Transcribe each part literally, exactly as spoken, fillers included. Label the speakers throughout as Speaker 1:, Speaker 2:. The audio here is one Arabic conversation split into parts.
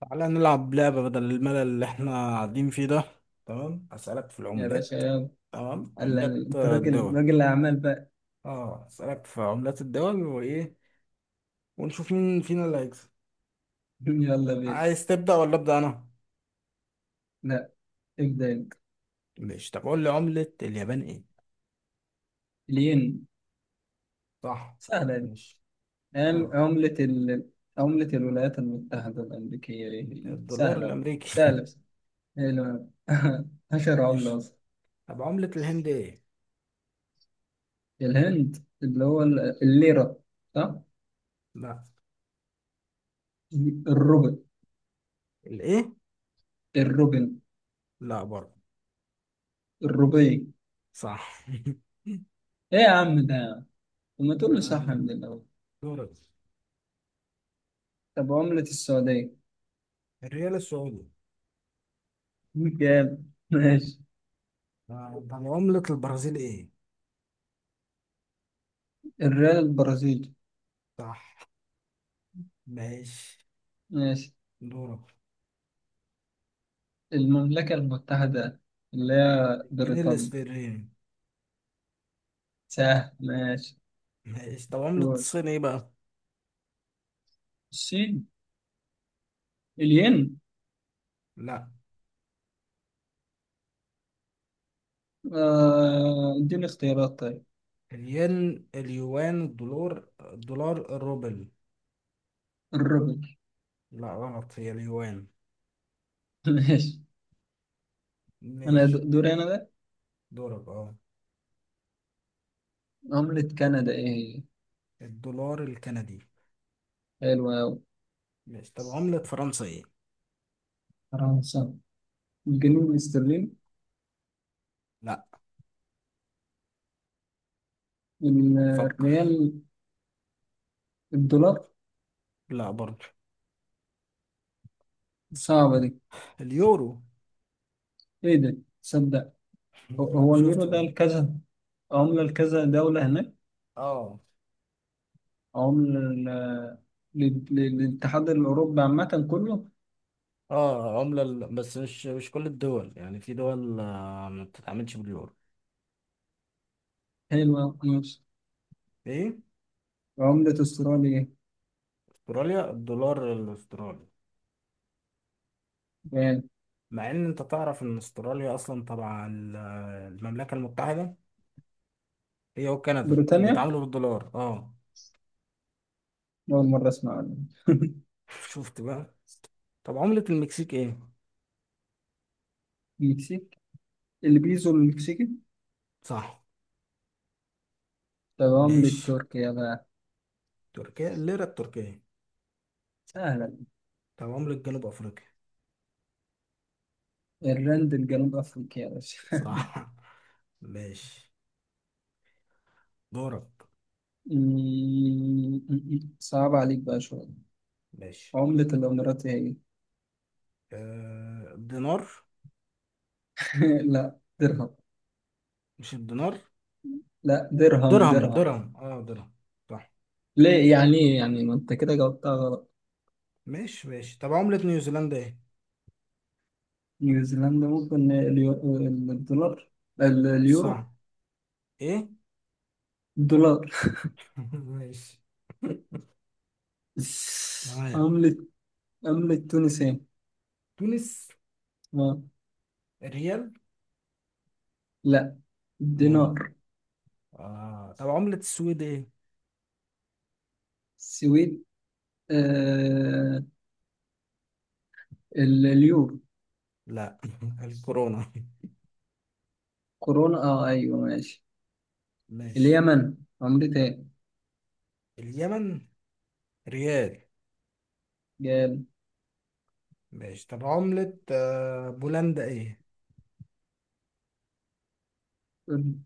Speaker 1: تعالى نلعب لعبة بدل الملل اللي احنا قاعدين فيه ده. تمام، أسألك في
Speaker 2: يا باشا
Speaker 1: العملات.
Speaker 2: يلا.
Speaker 1: تمام،
Speaker 2: هلا،
Speaker 1: عملات
Speaker 2: انت
Speaker 1: آه،
Speaker 2: راجل
Speaker 1: الدول.
Speaker 2: راجل اعمال بقى.
Speaker 1: اه، أسألك في عملات الدول وإيه، ونشوف مين فينا اللي هيكسب.
Speaker 2: يلا بينا.
Speaker 1: عايز تبدأ ولا أبدأ أنا؟
Speaker 2: لا، ابدا انت.
Speaker 1: ماشي، طب قول لي عملة اليابان إيه؟
Speaker 2: الين.
Speaker 1: صح.
Speaker 2: سهله دي.
Speaker 1: ماشي.
Speaker 2: عم-
Speaker 1: دولار.
Speaker 2: عملة ال... عملة الولايات المتحدة الأمريكية ايه هي؟
Speaker 1: الدولار
Speaker 2: سهلة.
Speaker 1: الأمريكي.
Speaker 2: سهلة بس. حلو. أشهر عملة
Speaker 1: ماشي،
Speaker 2: أصلا.
Speaker 1: طب عملة الهند إيه؟
Speaker 2: الهند اللي هو ال- الليرة، صح؟
Speaker 1: لا.
Speaker 2: الروبل.
Speaker 1: الإيه؟
Speaker 2: الروبل.
Speaker 1: لا برضه.
Speaker 2: الروبي.
Speaker 1: صح.
Speaker 2: إيه يا عم ده يا عم؟ طب ما تقول لي صح
Speaker 1: تمام.
Speaker 2: من الأول.
Speaker 1: دورك.
Speaker 2: طب عملة السعودية.
Speaker 1: الريال السعودي.
Speaker 2: جامد، ماشي.
Speaker 1: آه، طب عملة البرازيل إيه؟
Speaker 2: الريال البرازيلي.
Speaker 1: صح. ماشي.
Speaker 2: ماشي.
Speaker 1: دورك.
Speaker 2: المملكة المتحدة، اللي هي
Speaker 1: الجنيه
Speaker 2: بريطانيا.
Speaker 1: الاسبريني.
Speaker 2: سهل، ماشي.
Speaker 1: ماشي، طب عملة
Speaker 2: دول.
Speaker 1: الصين ايه بقى؟
Speaker 2: الصين. الين.
Speaker 1: لا.
Speaker 2: آه، اديني اختيارات طيب.
Speaker 1: الين، اليوان، الدولار، الدولار، الروبل.
Speaker 2: الروبل.
Speaker 1: لا، غلط، هي اليوان.
Speaker 2: ماشي. انا
Speaker 1: ماشي.
Speaker 2: د- دوري انا ده.
Speaker 1: دورك. اه.
Speaker 2: عملة كندا ايه هي؟
Speaker 1: الدولار الكندي.
Speaker 2: حلوة أوي.
Speaker 1: ماشي، طب عملة فرنسا ايه؟
Speaker 2: فرنسا. الجنيه الاسترليني.
Speaker 1: لا.
Speaker 2: ال-
Speaker 1: فكر.
Speaker 2: الريال. الدولار.
Speaker 1: لا برضه.
Speaker 2: صعبة دي.
Speaker 1: اليورو.
Speaker 2: ايه ده صدق. هو هو اليورو
Speaker 1: شفت
Speaker 2: ده
Speaker 1: بقى.
Speaker 2: لكذا، عملة لكذا دولة هناك.
Speaker 1: اه.
Speaker 2: عملة لل- لل- للاتحاد الأوروبي عامة كله.
Speaker 1: اه، عملة ال- بس مش مش كل الدول، يعني في دول آه، ما بتتعاملش باليورو.
Speaker 2: حلوة أوي.
Speaker 1: ايه؟
Speaker 2: عملة استراليا إيه؟
Speaker 1: استراليا، الدولار الاسترالي.
Speaker 2: يعني
Speaker 1: مع ان انت تعرف ان استراليا اصلا تبع ال- المملكه المتحده، هي وكندا،
Speaker 2: بريطانيا
Speaker 1: وبيتعاملوا بالدولار اه.
Speaker 2: أول مرة أسمع عنها.
Speaker 1: شفت بقى. طب عمله المكسيك ايه.
Speaker 2: المكسيك، البيزو المكسيكي.
Speaker 1: صح.
Speaker 2: طب عملة
Speaker 1: ماشي.
Speaker 2: تركيا بقى.
Speaker 1: تركيا، الليره التركيه.
Speaker 2: سهلة.
Speaker 1: طب عمله جنوب افريقيا.
Speaker 2: الرند الجنوب أفريقيا يا باشا.
Speaker 1: صح. ماشي. دورك.
Speaker 2: م- صعب عليك بقى شوية.
Speaker 1: ماشي.
Speaker 2: عملة الإمارات هي إيه؟
Speaker 1: آه، الدينار.
Speaker 2: هي؟ لا درهم.
Speaker 1: مش الدينار.
Speaker 2: لا درهم
Speaker 1: درهم،
Speaker 2: درهم.
Speaker 1: درهم، اه درهم. صح.
Speaker 2: ليه يعني، إيه يعني، ما أنت كده جاوبتها غلط.
Speaker 1: ماشي، ماشي، طب عمله نيوزيلندا ايه.
Speaker 2: نيوزيلندا ممكن اليو- الدولار، ال- اليورو.
Speaker 1: صح. ايه.
Speaker 2: الدولار.
Speaker 1: ماشي. تمام.
Speaker 2: عملة، عملة تونس إيه؟
Speaker 1: تونس، ريال.
Speaker 2: لا، دينار.
Speaker 1: آه. طب عملة السويد ايه؟
Speaker 2: سويد، آه، ال- اليورو.
Speaker 1: لا. الكورونا.
Speaker 2: كورونا، اه ايوه ماشي.
Speaker 1: ماشي.
Speaker 2: اليمن عملة ايه؟
Speaker 1: اليمن، ريال.
Speaker 2: جال.
Speaker 1: ماشي، طب عملة آه، بولندا ايه؟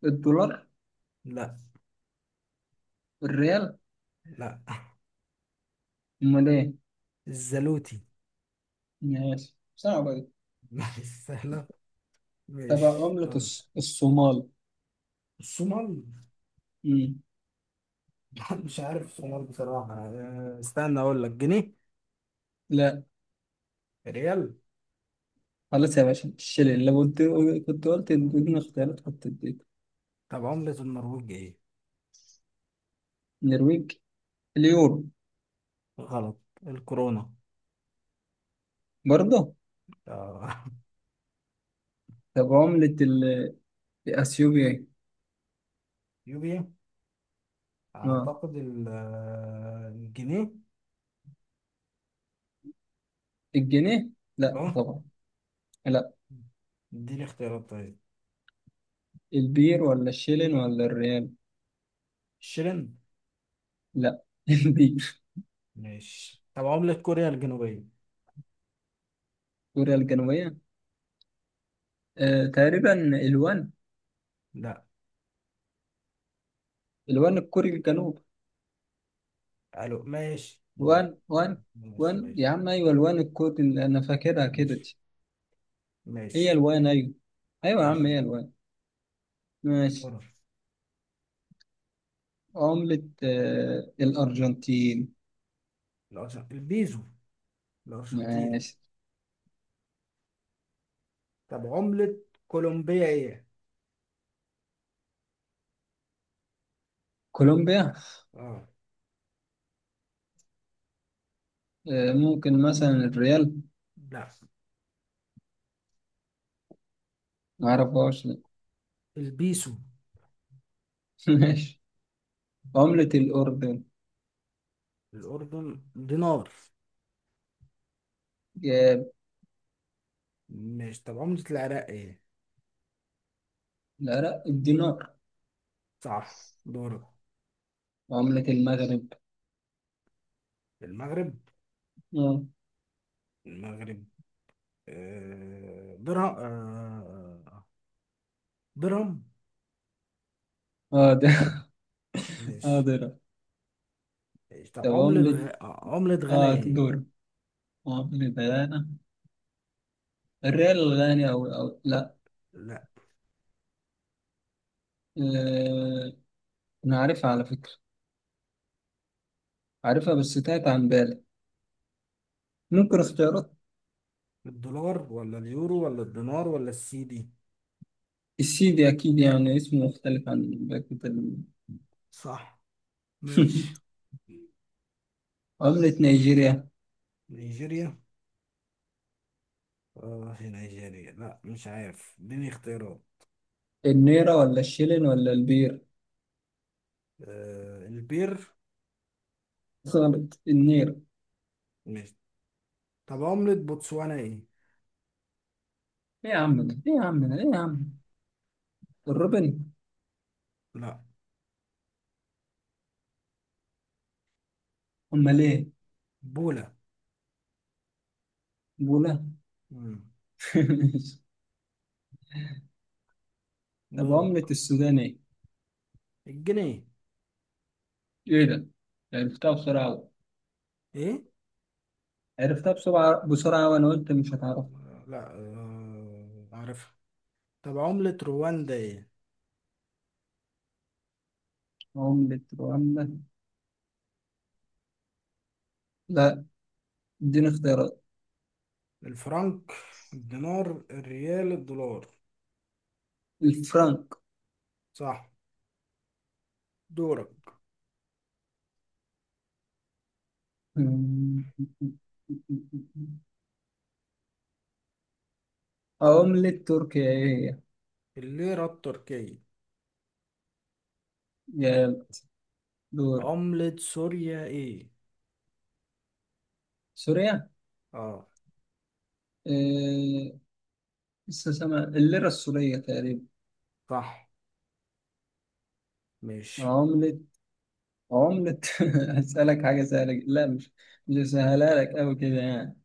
Speaker 2: الدولار.
Speaker 1: لا.
Speaker 2: الريال.
Speaker 1: لا.
Speaker 2: امال ايه؟
Speaker 1: الزلوتي.
Speaker 2: ماشي، صعبة دي.
Speaker 1: ماشي، سهلة.
Speaker 2: طب
Speaker 1: ماشي،
Speaker 2: عملة
Speaker 1: دول.
Speaker 2: الص- الصومال.
Speaker 1: الصومال.
Speaker 2: مم.
Speaker 1: لا، مش عارف الصومال بصراحة. آه، استنى اقول لك، جنيه.
Speaker 2: لا.
Speaker 1: ريال.
Speaker 2: خلاص يا باشا الشلل، لو قلت كنت قلت اديني اختيارات كنت اديك.
Speaker 1: طب عملة النرويج ايه؟
Speaker 2: النرويج، اليورو.
Speaker 1: غلط. الكورونا.
Speaker 2: برضه.
Speaker 1: آه.
Speaker 2: طب عملة ال- اثيوبيا ايه؟
Speaker 1: يوبيا.
Speaker 2: اه،
Speaker 1: اعتقد ال- آه، الجنيه.
Speaker 2: الجنيه. لا
Speaker 1: اه.
Speaker 2: طبعا. لا.
Speaker 1: اديني اختيارات طيب.
Speaker 2: البير ولا الشيلين ولا الريال.
Speaker 1: شرين.
Speaker 2: لا. دي
Speaker 1: ماشي، طب عملة كوريا الجنوبية.
Speaker 2: كوريا الجنوبية، آه تقريبا، الوان.
Speaker 1: لا.
Speaker 2: الوان الكوري الجنوب.
Speaker 1: الو. ماشي،
Speaker 2: وان وان. وان
Speaker 1: ماشي، ماشي،
Speaker 2: يا عم، ايوه الوان الكوري اللي انا فاكرها كده
Speaker 1: ماشي،
Speaker 2: دي.
Speaker 1: ماشي،
Speaker 2: هي الوان ايوه. ايوه يا عم
Speaker 1: ماشي.
Speaker 2: هي الوان. ماشي.
Speaker 1: دورك.
Speaker 2: عملة آه الأرجنتين.
Speaker 1: الأرجن- البيزو، الأرجنتين.
Speaker 2: ماشي.
Speaker 1: طب عملة كولومبيا ايه؟
Speaker 2: كولومبيا،
Speaker 1: اه.
Speaker 2: آه ممكن مثلا الريال.
Speaker 1: لا.
Speaker 2: معرفهاش. لا.
Speaker 1: البيسو.
Speaker 2: ماشي. عملة الأردن.
Speaker 1: الأردن، دينار.
Speaker 2: جاب.
Speaker 1: ماشي، طب عملة العراق ايه؟
Speaker 2: لا لا، الدينار.
Speaker 1: صح. دورك.
Speaker 2: عملة المغرب.
Speaker 1: المغرب.
Speaker 2: اه.
Speaker 1: المغرب، آه درهم، آه درهم.
Speaker 2: اه ده. اه
Speaker 1: ماشي.
Speaker 2: ده.
Speaker 1: طب
Speaker 2: طب
Speaker 1: عملة
Speaker 2: عملة،
Speaker 1: غ... عملة غانا
Speaker 2: اه
Speaker 1: ايه؟
Speaker 2: دور. عملة الريال الغاني، أو أو لا.
Speaker 1: لا.
Speaker 2: آه، أنا عارفها على فكرة، عارفها بس تاهت عن بالي. ممكن اختيارات؟
Speaker 1: الدولار ولا اليورو ولا الدينار ولا السي دي.
Speaker 2: السيدي أكيد، يعني اسمه مختلف عن بقية ال-
Speaker 1: صح. ماشي.
Speaker 2: عملة نيجيريا.
Speaker 1: نيجيريا. اه، هي نيجيريا لا مش عارف، اديني اختيارات.
Speaker 2: النيرة ولا الشيلين ولا البير.
Speaker 1: آه، البير.
Speaker 2: غلط، النيرة.
Speaker 1: ماشي، طب عملة بوتسوانا ايه؟
Speaker 2: إيه يا عم ده، إيه يا عم ده، إيه يا عم. الروبن.
Speaker 1: لا.
Speaker 2: أمال إيه؟
Speaker 1: بولا.
Speaker 2: بولا.
Speaker 1: مم.
Speaker 2: طب
Speaker 1: دورك.
Speaker 2: عملة السودان إيه؟
Speaker 1: الجنيه.
Speaker 2: إيه ده، عرفتها بسرعة أوي.
Speaker 1: ايه؟
Speaker 2: عرفتها بسرعة بسرعة وأنا قلت مش هتعرف.
Speaker 1: مم، لا آه عارفها. طب عملة رواندا ايه؟
Speaker 2: عملة رواندا. لا، اديني اختيارات.
Speaker 1: الفرنك، الدينار، الريال، الدولار.
Speaker 2: الفرنك.
Speaker 1: صح. دورك.
Speaker 2: مم. عملة تركيا ايه هي؟
Speaker 1: الليرة التركية.
Speaker 2: يلا دور.
Speaker 1: عملة سوريا ايه؟
Speaker 2: سوريا،
Speaker 1: اه.
Speaker 2: إيه، لسه سامع الليرة السورية تقريبا.
Speaker 1: صح. ماشي.
Speaker 2: عملة عملة هسألك حاجة سهلة جدا. لا، مش مش سهلها لك أوي كده يعني.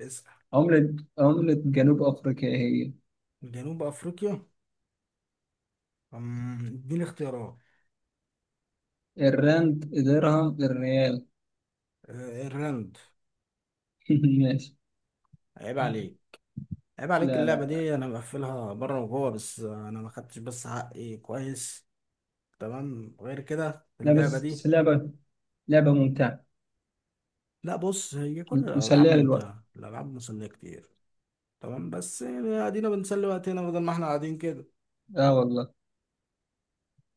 Speaker 1: اسأل.
Speaker 2: عملة عملة جنوب أفريقيا إيه؟
Speaker 1: جنوب افريقيا. أمم، اديني اختيارات.
Speaker 2: هي الراند، درهم، الريال.
Speaker 1: آه، الرند.
Speaker 2: ماشي.
Speaker 1: عيب عليك. عيب عليك،
Speaker 2: لا
Speaker 1: اللعبة
Speaker 2: لا.
Speaker 1: دي انا مقفلها بره وجوه، بس انا ما خدتش بس حقي كويس. تمام، غير كده
Speaker 2: لا
Speaker 1: اللعبة
Speaker 2: بس،
Speaker 1: دي.
Speaker 2: بس لعبة، لعبة ممتعة،
Speaker 1: لا، بص هي كل الالعاب
Speaker 2: مسلية للوقت.
Speaker 1: ممتعة، الالعاب مسلية كتير. تمام، بس يعني ادينا بنسلي وقتنا بدل ما احنا قاعدين كده
Speaker 2: اه والله.